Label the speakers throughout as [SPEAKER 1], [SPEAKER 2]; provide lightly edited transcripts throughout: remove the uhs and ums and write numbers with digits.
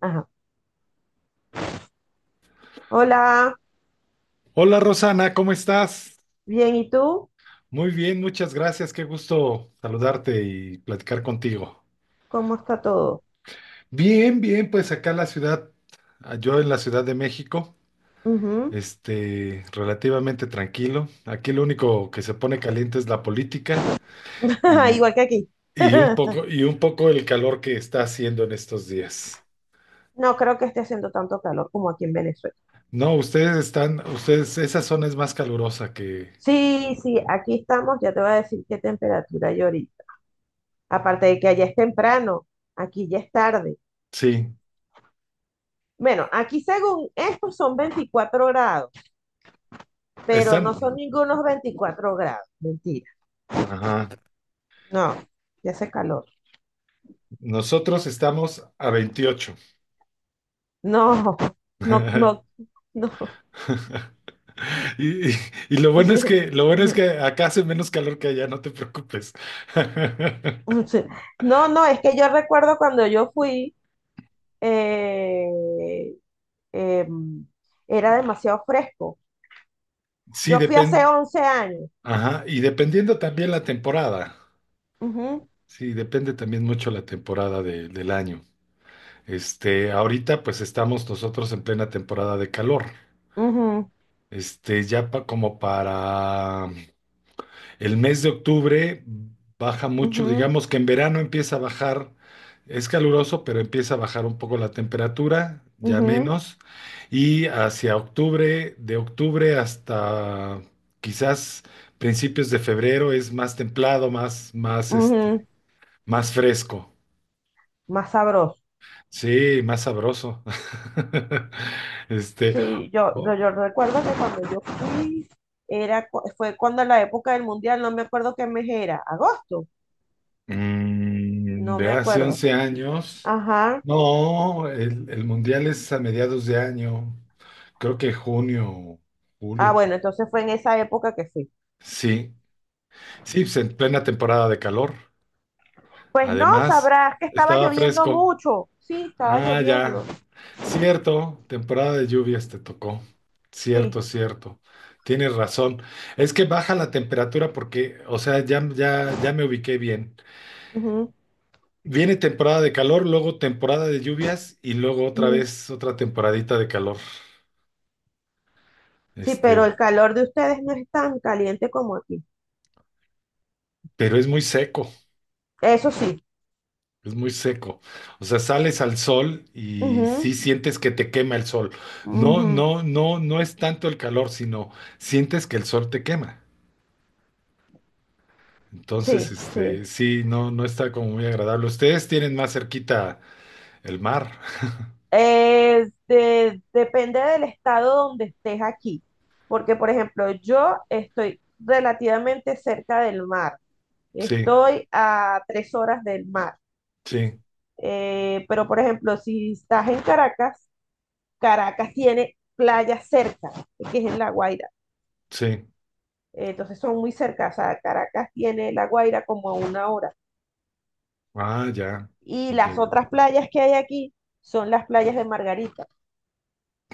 [SPEAKER 1] Ajá. Hola,
[SPEAKER 2] Hola Rosana, ¿cómo estás?
[SPEAKER 1] bien, ¿y tú?
[SPEAKER 2] Muy bien, muchas gracias, qué gusto saludarte y platicar contigo.
[SPEAKER 1] ¿Cómo está todo?
[SPEAKER 2] Bien, bien, pues acá en la ciudad, yo en la Ciudad de México,
[SPEAKER 1] Ujú.
[SPEAKER 2] relativamente tranquilo. Aquí lo único que se pone caliente es la política y,
[SPEAKER 1] Igual que aquí.
[SPEAKER 2] y un poco, y un poco el calor que está haciendo en estos días.
[SPEAKER 1] No creo que esté haciendo tanto calor como aquí en Venezuela.
[SPEAKER 2] No, ustedes están, esa zona es más calurosa que,
[SPEAKER 1] Sí, sí, aquí estamos, ya te voy a decir qué temperatura hay ahorita. Aparte de que allá es temprano, aquí ya es tarde.
[SPEAKER 2] sí,
[SPEAKER 1] Bueno, aquí según estos son 24 grados, pero no
[SPEAKER 2] están,
[SPEAKER 1] son ningunos 24 grados, mentira.
[SPEAKER 2] ajá,
[SPEAKER 1] No, ya hace calor.
[SPEAKER 2] nosotros estamos a 28.
[SPEAKER 1] No, no, no, no.
[SPEAKER 2] Y, y- y lo bueno es que, lo bueno es que acá hace menos calor que allá, no te preocupes.
[SPEAKER 1] Mm, sí. No, no, es que yo recuerdo cuando yo fui, eh, em, era demasiado fresco.
[SPEAKER 2] Sí,
[SPEAKER 1] Yo fui hace
[SPEAKER 2] depende.
[SPEAKER 1] 11 años.
[SPEAKER 2] Ajá, y dependiendo también la temporada.
[SPEAKER 1] Ujú,
[SPEAKER 2] Sí, depende también mucho la temporada del año. Ahorita pues estamos nosotros en plena temporada de calor.
[SPEAKER 1] ujú,
[SPEAKER 2] Como para el mes de octubre baja mucho,
[SPEAKER 1] ujú,
[SPEAKER 2] digamos que en verano empieza a bajar, es caluroso, pero empieza a bajar un poco la temperatura, ya
[SPEAKER 1] ujú,
[SPEAKER 2] menos, y hacia octubre, de octubre hasta quizás principios de febrero es más templado,
[SPEAKER 1] ujú.
[SPEAKER 2] más fresco,
[SPEAKER 1] Más sabroso.
[SPEAKER 2] sí, más sabroso. Este,
[SPEAKER 1] Sí,
[SPEAKER 2] o-
[SPEAKER 1] yo recuerdo que cuando yo fui, fue cuando la época del mundial, no me acuerdo qué mes era, agosto,
[SPEAKER 2] Mm,
[SPEAKER 1] no
[SPEAKER 2] de
[SPEAKER 1] me
[SPEAKER 2] hace
[SPEAKER 1] acuerdo.
[SPEAKER 2] 11 años.
[SPEAKER 1] Ajá.
[SPEAKER 2] No, el mundial es a mediados de año. Creo que junio,
[SPEAKER 1] Ah,
[SPEAKER 2] julio.
[SPEAKER 1] bueno, entonces fue en esa época que fui.
[SPEAKER 2] Sí, sí, pues en plena temporada de calor.
[SPEAKER 1] Pues no,
[SPEAKER 2] Además,
[SPEAKER 1] sabrás que estaba
[SPEAKER 2] estaba
[SPEAKER 1] lloviendo
[SPEAKER 2] fresco.
[SPEAKER 1] mucho. Sí, estaba
[SPEAKER 2] Ah,
[SPEAKER 1] lloviendo.
[SPEAKER 2] ya. Cierto, temporada de lluvias te tocó. Cierto,
[SPEAKER 1] Sí.
[SPEAKER 2] cierto. Tienes razón. Es que baja la temperatura porque, o sea, ya, ya, ya me ubiqué bien.
[SPEAKER 1] Ujú,
[SPEAKER 2] Viene temporada de calor, luego temporada de lluvias y luego otra
[SPEAKER 1] ujú.
[SPEAKER 2] vez otra temporadita de calor.
[SPEAKER 1] Sí, pero
[SPEAKER 2] Este,
[SPEAKER 1] el calor de ustedes no es tan caliente como aquí.
[SPEAKER 2] pero es muy seco,
[SPEAKER 1] Eso sí.
[SPEAKER 2] es muy seco. O sea, sales al sol y
[SPEAKER 1] Ujú,
[SPEAKER 2] sí sientes que te quema el sol. No,
[SPEAKER 1] ujú,
[SPEAKER 2] no, no, no es tanto el calor, sino sientes que el sol te quema. Entonces,
[SPEAKER 1] sí, sí.
[SPEAKER 2] sí, no, no está como muy agradable. Ustedes tienen más cerquita el mar.
[SPEAKER 1] Depende del estado donde estés aquí. Porque, por ejemplo, yo estoy relativamente cerca del mar.
[SPEAKER 2] Sí,
[SPEAKER 1] Estoy a 3 horas del mar.
[SPEAKER 2] sí,
[SPEAKER 1] Pero, por ejemplo, si estás en Caracas, Caracas tiene playa cerca, que es en La Guaira.
[SPEAKER 2] sí.
[SPEAKER 1] Entonces son muy cerca, o sea, Caracas tiene La Guaira como a una hora.
[SPEAKER 2] Ah, ya.
[SPEAKER 1] Y
[SPEAKER 2] Ya,
[SPEAKER 1] las
[SPEAKER 2] ya.
[SPEAKER 1] otras playas que hay aquí son las playas de Margarita,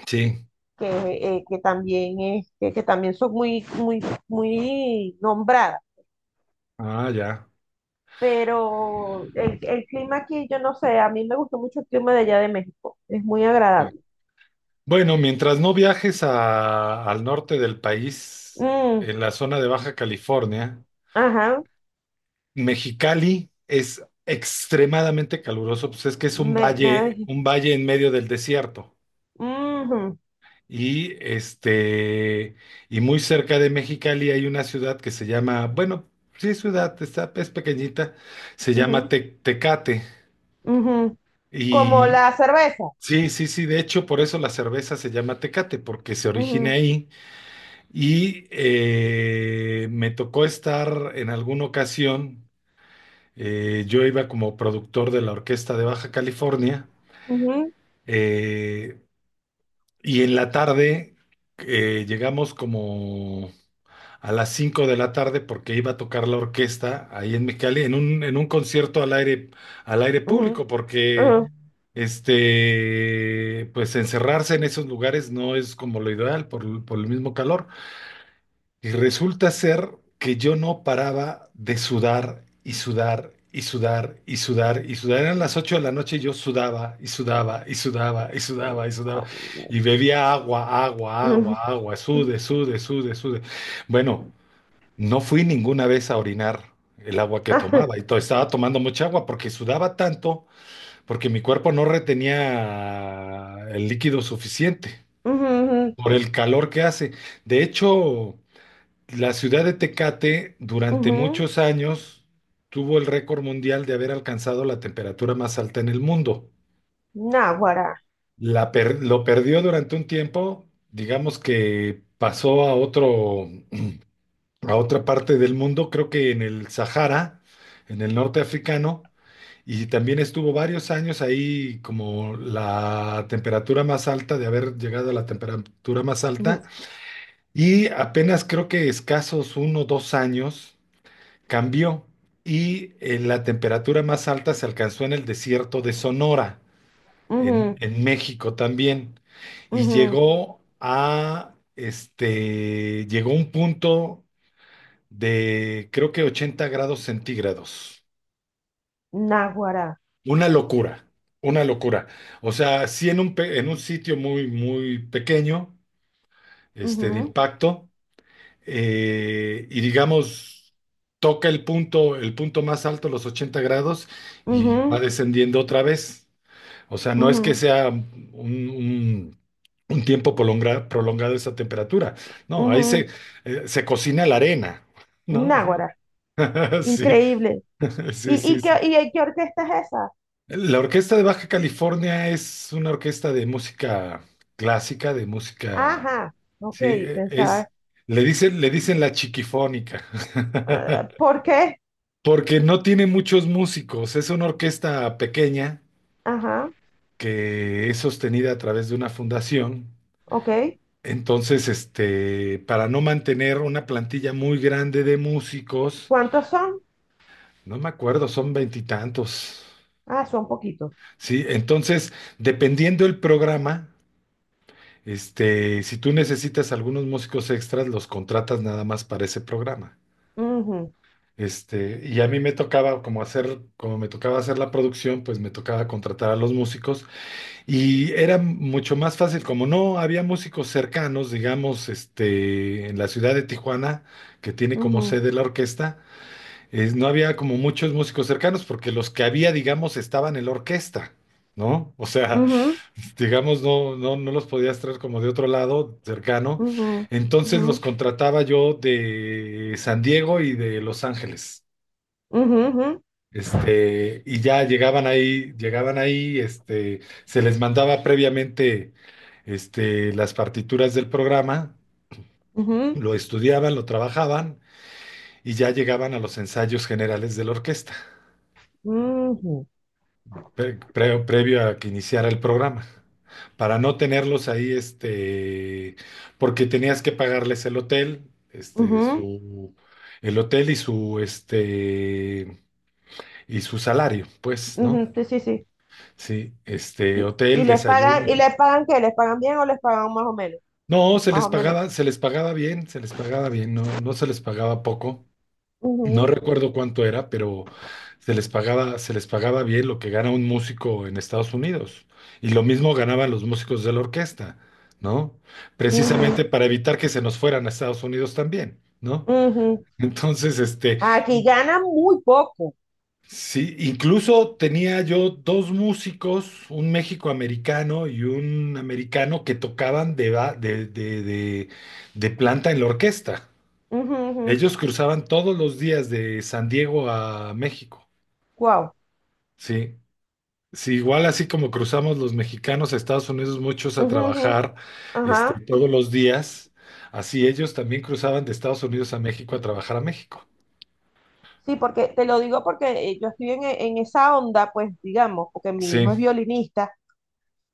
[SPEAKER 2] Sí.
[SPEAKER 1] que, que también son muy, muy nombradas.
[SPEAKER 2] Ah, ya.
[SPEAKER 1] Pero el clima aquí, yo no sé, a mí me gustó mucho el clima de allá de México, es muy
[SPEAKER 2] Sí.
[SPEAKER 1] agradable.
[SPEAKER 2] Bueno, mientras no viajes al norte del país,
[SPEAKER 1] Mm,
[SPEAKER 2] en la zona de Baja California,
[SPEAKER 1] ajá,
[SPEAKER 2] Mexicali es extremadamente caluroso, pues es que es
[SPEAKER 1] me, me-
[SPEAKER 2] un valle en medio del desierto.
[SPEAKER 1] ujú,
[SPEAKER 2] Y este, y muy cerca de Mexicali hay una ciudad que se llama, bueno, sí es ciudad, está, es pequeñita, se llama
[SPEAKER 1] ujú,
[SPEAKER 2] Tecate.
[SPEAKER 1] ujú. Como
[SPEAKER 2] Y
[SPEAKER 1] la cerveza.
[SPEAKER 2] sí, sí, sí, de hecho, por eso la cerveza se llama Tecate, porque se origina
[SPEAKER 1] Ujú.
[SPEAKER 2] ahí. Y me tocó estar en alguna ocasión, yo iba como productor de la Orquesta de Baja California,
[SPEAKER 1] Ujú,
[SPEAKER 2] eh, y en la tarde llegamos como a las 5 de la tarde porque iba a tocar la orquesta ahí en Mexicali, en un concierto al aire
[SPEAKER 1] ujú,
[SPEAKER 2] público,
[SPEAKER 1] ujú,
[SPEAKER 2] porque pues encerrarse en esos lugares no es como lo ideal por el mismo calor. Y resulta ser que yo no paraba de sudar y sudar y sudar y sudar y sudar. Eran las 8 de la noche y yo sudaba y sudaba y sudaba y sudaba y sudaba.
[SPEAKER 1] ah, ujú,
[SPEAKER 2] Y bebía agua, agua,
[SPEAKER 1] ujú,
[SPEAKER 2] agua, agua. Sude, sude, sude, sude. Bueno, no fui ninguna vez a orinar el agua que
[SPEAKER 1] ajá,
[SPEAKER 2] tomaba. Estaba tomando mucha agua porque sudaba tanto, porque mi cuerpo no retenía el líquido suficiente
[SPEAKER 1] ujú, ujú,
[SPEAKER 2] por el calor que hace. De hecho, la ciudad de Tecate durante
[SPEAKER 1] ujú.
[SPEAKER 2] muchos años tuvo el récord mundial de haber alcanzado la temperatura más alta en el mundo.
[SPEAKER 1] Náguara.
[SPEAKER 2] Lo perdió durante un tiempo, digamos que pasó a otro, a otra parte del mundo, creo que en el Sahara, en el norte africano, y también estuvo varios años ahí como la temperatura más alta, de haber llegado a la temperatura más alta,
[SPEAKER 1] Ujú,
[SPEAKER 2] y apenas creo que escasos 1 o 2 años cambió y la temperatura más alta se alcanzó en el desierto de Sonora,
[SPEAKER 1] ujú,
[SPEAKER 2] en México también, y
[SPEAKER 1] ujú,
[SPEAKER 2] llegó a un punto de creo que 80 grados centígrados.
[SPEAKER 1] náguara.
[SPEAKER 2] Una locura, una locura. O sea, sí en un sitio muy, muy pequeño, de
[SPEAKER 1] Ujú,
[SPEAKER 2] impacto. Y digamos, toca el punto más alto, los 80 grados, y va
[SPEAKER 1] ujú,
[SPEAKER 2] descendiendo otra vez. O sea, no es que
[SPEAKER 1] ujú,
[SPEAKER 2] sea un tiempo prolongado esa temperatura. No, ahí se,
[SPEAKER 1] ujú,
[SPEAKER 2] eh, se cocina la arena, ¿no?
[SPEAKER 1] náguara.
[SPEAKER 2] Sí,
[SPEAKER 1] Increíble. ¿Y,
[SPEAKER 2] sí, sí, sí.
[SPEAKER 1] y qué orquesta es esa?
[SPEAKER 2] La Orquesta de Baja California es una orquesta de música clásica, de música,
[SPEAKER 1] Ajá. Ok,
[SPEAKER 2] sí,
[SPEAKER 1] pensaba.
[SPEAKER 2] es, le dicen la chiquifónica.
[SPEAKER 1] Ah, ¿por qué?
[SPEAKER 2] Porque no tiene muchos músicos, es una orquesta pequeña
[SPEAKER 1] Ajá.
[SPEAKER 2] que es sostenida a través de una fundación.
[SPEAKER 1] Ok.
[SPEAKER 2] Entonces, para no mantener una plantilla muy grande de músicos,
[SPEAKER 1] ¿Cuántos son?
[SPEAKER 2] no me acuerdo, son veintitantos.
[SPEAKER 1] Ah, son poquitos.
[SPEAKER 2] Sí, entonces, dependiendo el programa, si tú necesitas algunos músicos extras, los contratas nada más para ese programa.
[SPEAKER 1] Ujú,
[SPEAKER 2] A mí me tocaba, como me tocaba hacer la producción, pues me tocaba contratar a los músicos. Y era mucho más fácil, como no había músicos cercanos, digamos, en la ciudad de Tijuana, que tiene como
[SPEAKER 1] ujú,
[SPEAKER 2] sede la orquesta, no había como muchos músicos cercanos, porque los que había, digamos, estaban en la orquesta, ¿no? O sea,
[SPEAKER 1] ujú,
[SPEAKER 2] digamos, no, no, no los podías traer como de otro lado, cercano.
[SPEAKER 1] ujú,
[SPEAKER 2] Entonces los
[SPEAKER 1] ujú,
[SPEAKER 2] contrataba yo de San Diego y de Los Ángeles.
[SPEAKER 1] ujú, ujú,
[SPEAKER 2] Y ya llegaban ahí, se les mandaba previamente, las partituras del programa,
[SPEAKER 1] ujú.
[SPEAKER 2] lo estudiaban, lo trabajaban y ya llegaban a los ensayos generales de la orquesta,
[SPEAKER 1] Ujú,
[SPEAKER 2] previo a que iniciara el programa, para no tenerlos ahí, porque tenías que pagarles el hotel,
[SPEAKER 1] ujú,
[SPEAKER 2] el hotel y su salario, pues, ¿no?
[SPEAKER 1] ujú, sí, sí, sí.
[SPEAKER 2] Sí,
[SPEAKER 1] Y,
[SPEAKER 2] hotel, desayuno.
[SPEAKER 1] ¿y les pagan qué? ¿Les pagan bien o les pagan más o menos?
[SPEAKER 2] No, se
[SPEAKER 1] Más
[SPEAKER 2] les
[SPEAKER 1] o menos.
[SPEAKER 2] pagaba, se les pagaba bien, se les pagaba bien, no, no se les pagaba poco. No
[SPEAKER 1] Ujú,
[SPEAKER 2] recuerdo cuánto era, pero se les pagaba bien lo que gana un músico en Estados Unidos. Y lo mismo ganaban los músicos de la orquesta, ¿no?
[SPEAKER 1] ujú,
[SPEAKER 2] Precisamente para evitar que se nos fueran a Estados Unidos también, ¿no?
[SPEAKER 1] ujú.
[SPEAKER 2] Entonces,
[SPEAKER 1] Aquí
[SPEAKER 2] y
[SPEAKER 1] ganan muy poco.
[SPEAKER 2] Sí, incluso tenía yo dos músicos, un méxico-americano y un americano que tocaban de, ba- de planta en la orquesta. Ellos cruzaban todos los días de San Diego a México.
[SPEAKER 1] Wow.
[SPEAKER 2] Sí, sí, igual así como cruzamos los mexicanos a Estados Unidos muchos a trabajar,
[SPEAKER 1] Ajá.
[SPEAKER 2] todos los días, así ellos también cruzaban de Estados Unidos a México a trabajar a México.
[SPEAKER 1] Sí, porque te lo digo porque yo estoy en esa onda, pues digamos, porque mi hijo es
[SPEAKER 2] Sí,
[SPEAKER 1] violinista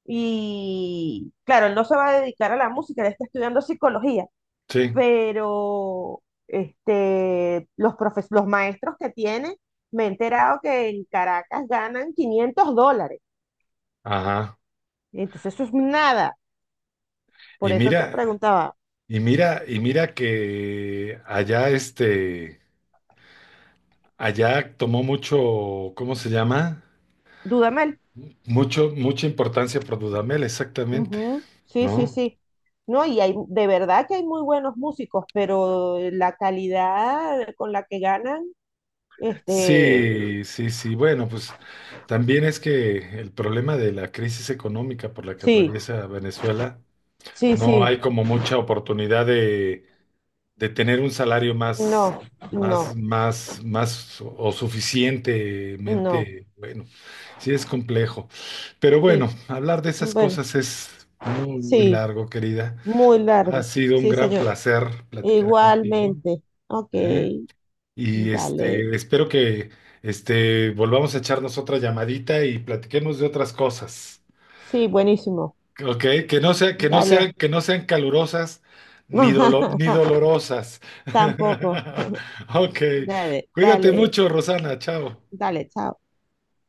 [SPEAKER 1] y claro, él no se va a dedicar a la música, él está estudiando psicología.
[SPEAKER 2] sí,
[SPEAKER 1] Pero los maestros que tienen me he enterado que en Caracas ganan $500.
[SPEAKER 2] ajá.
[SPEAKER 1] Entonces eso es nada.
[SPEAKER 2] Y
[SPEAKER 1] Por eso te
[SPEAKER 2] mira,
[SPEAKER 1] preguntaba,
[SPEAKER 2] Y mira, y mira que allá tomó mucho, ¿cómo se llama?
[SPEAKER 1] Dudamel.
[SPEAKER 2] Mucha importancia por Dudamel, exactamente,
[SPEAKER 1] Ujú, sí, sí,
[SPEAKER 2] ¿no?
[SPEAKER 1] sí. No, y hay, de verdad que hay muy buenos músicos, pero la calidad con la que ganan, este,
[SPEAKER 2] Sí, sí, sí. Bueno, pues también es que el problema de la crisis económica por la que
[SPEAKER 1] sí,
[SPEAKER 2] atraviesa Venezuela,
[SPEAKER 1] sí,
[SPEAKER 2] no
[SPEAKER 1] sí,
[SPEAKER 2] hay como mucha oportunidad de tener un salario más,
[SPEAKER 1] no, no,
[SPEAKER 2] más, más, más o
[SPEAKER 1] no,
[SPEAKER 2] suficientemente bueno. Sí es complejo. Pero bueno,
[SPEAKER 1] sí,
[SPEAKER 2] hablar de esas
[SPEAKER 1] bueno,
[SPEAKER 2] cosas es muy, muy
[SPEAKER 1] sí,
[SPEAKER 2] largo, querida.
[SPEAKER 1] muy
[SPEAKER 2] Ha
[SPEAKER 1] largo,
[SPEAKER 2] sido un
[SPEAKER 1] sí,
[SPEAKER 2] gran
[SPEAKER 1] señor.
[SPEAKER 2] placer platicar contigo,
[SPEAKER 1] Igualmente. Ok,
[SPEAKER 2] ¿eh? Y
[SPEAKER 1] dale.
[SPEAKER 2] espero que volvamos a echarnos otra llamadita y platiquemos de otras cosas.
[SPEAKER 1] Sí, buenísimo.
[SPEAKER 2] Ok, que no sea,
[SPEAKER 1] Dale.
[SPEAKER 2] que no sean calurosas ni dolorosas.
[SPEAKER 1] Tampoco.
[SPEAKER 2] Ok,
[SPEAKER 1] Dale,
[SPEAKER 2] cuídate
[SPEAKER 1] dale,
[SPEAKER 2] mucho, Rosana, chao.
[SPEAKER 1] dale, chao.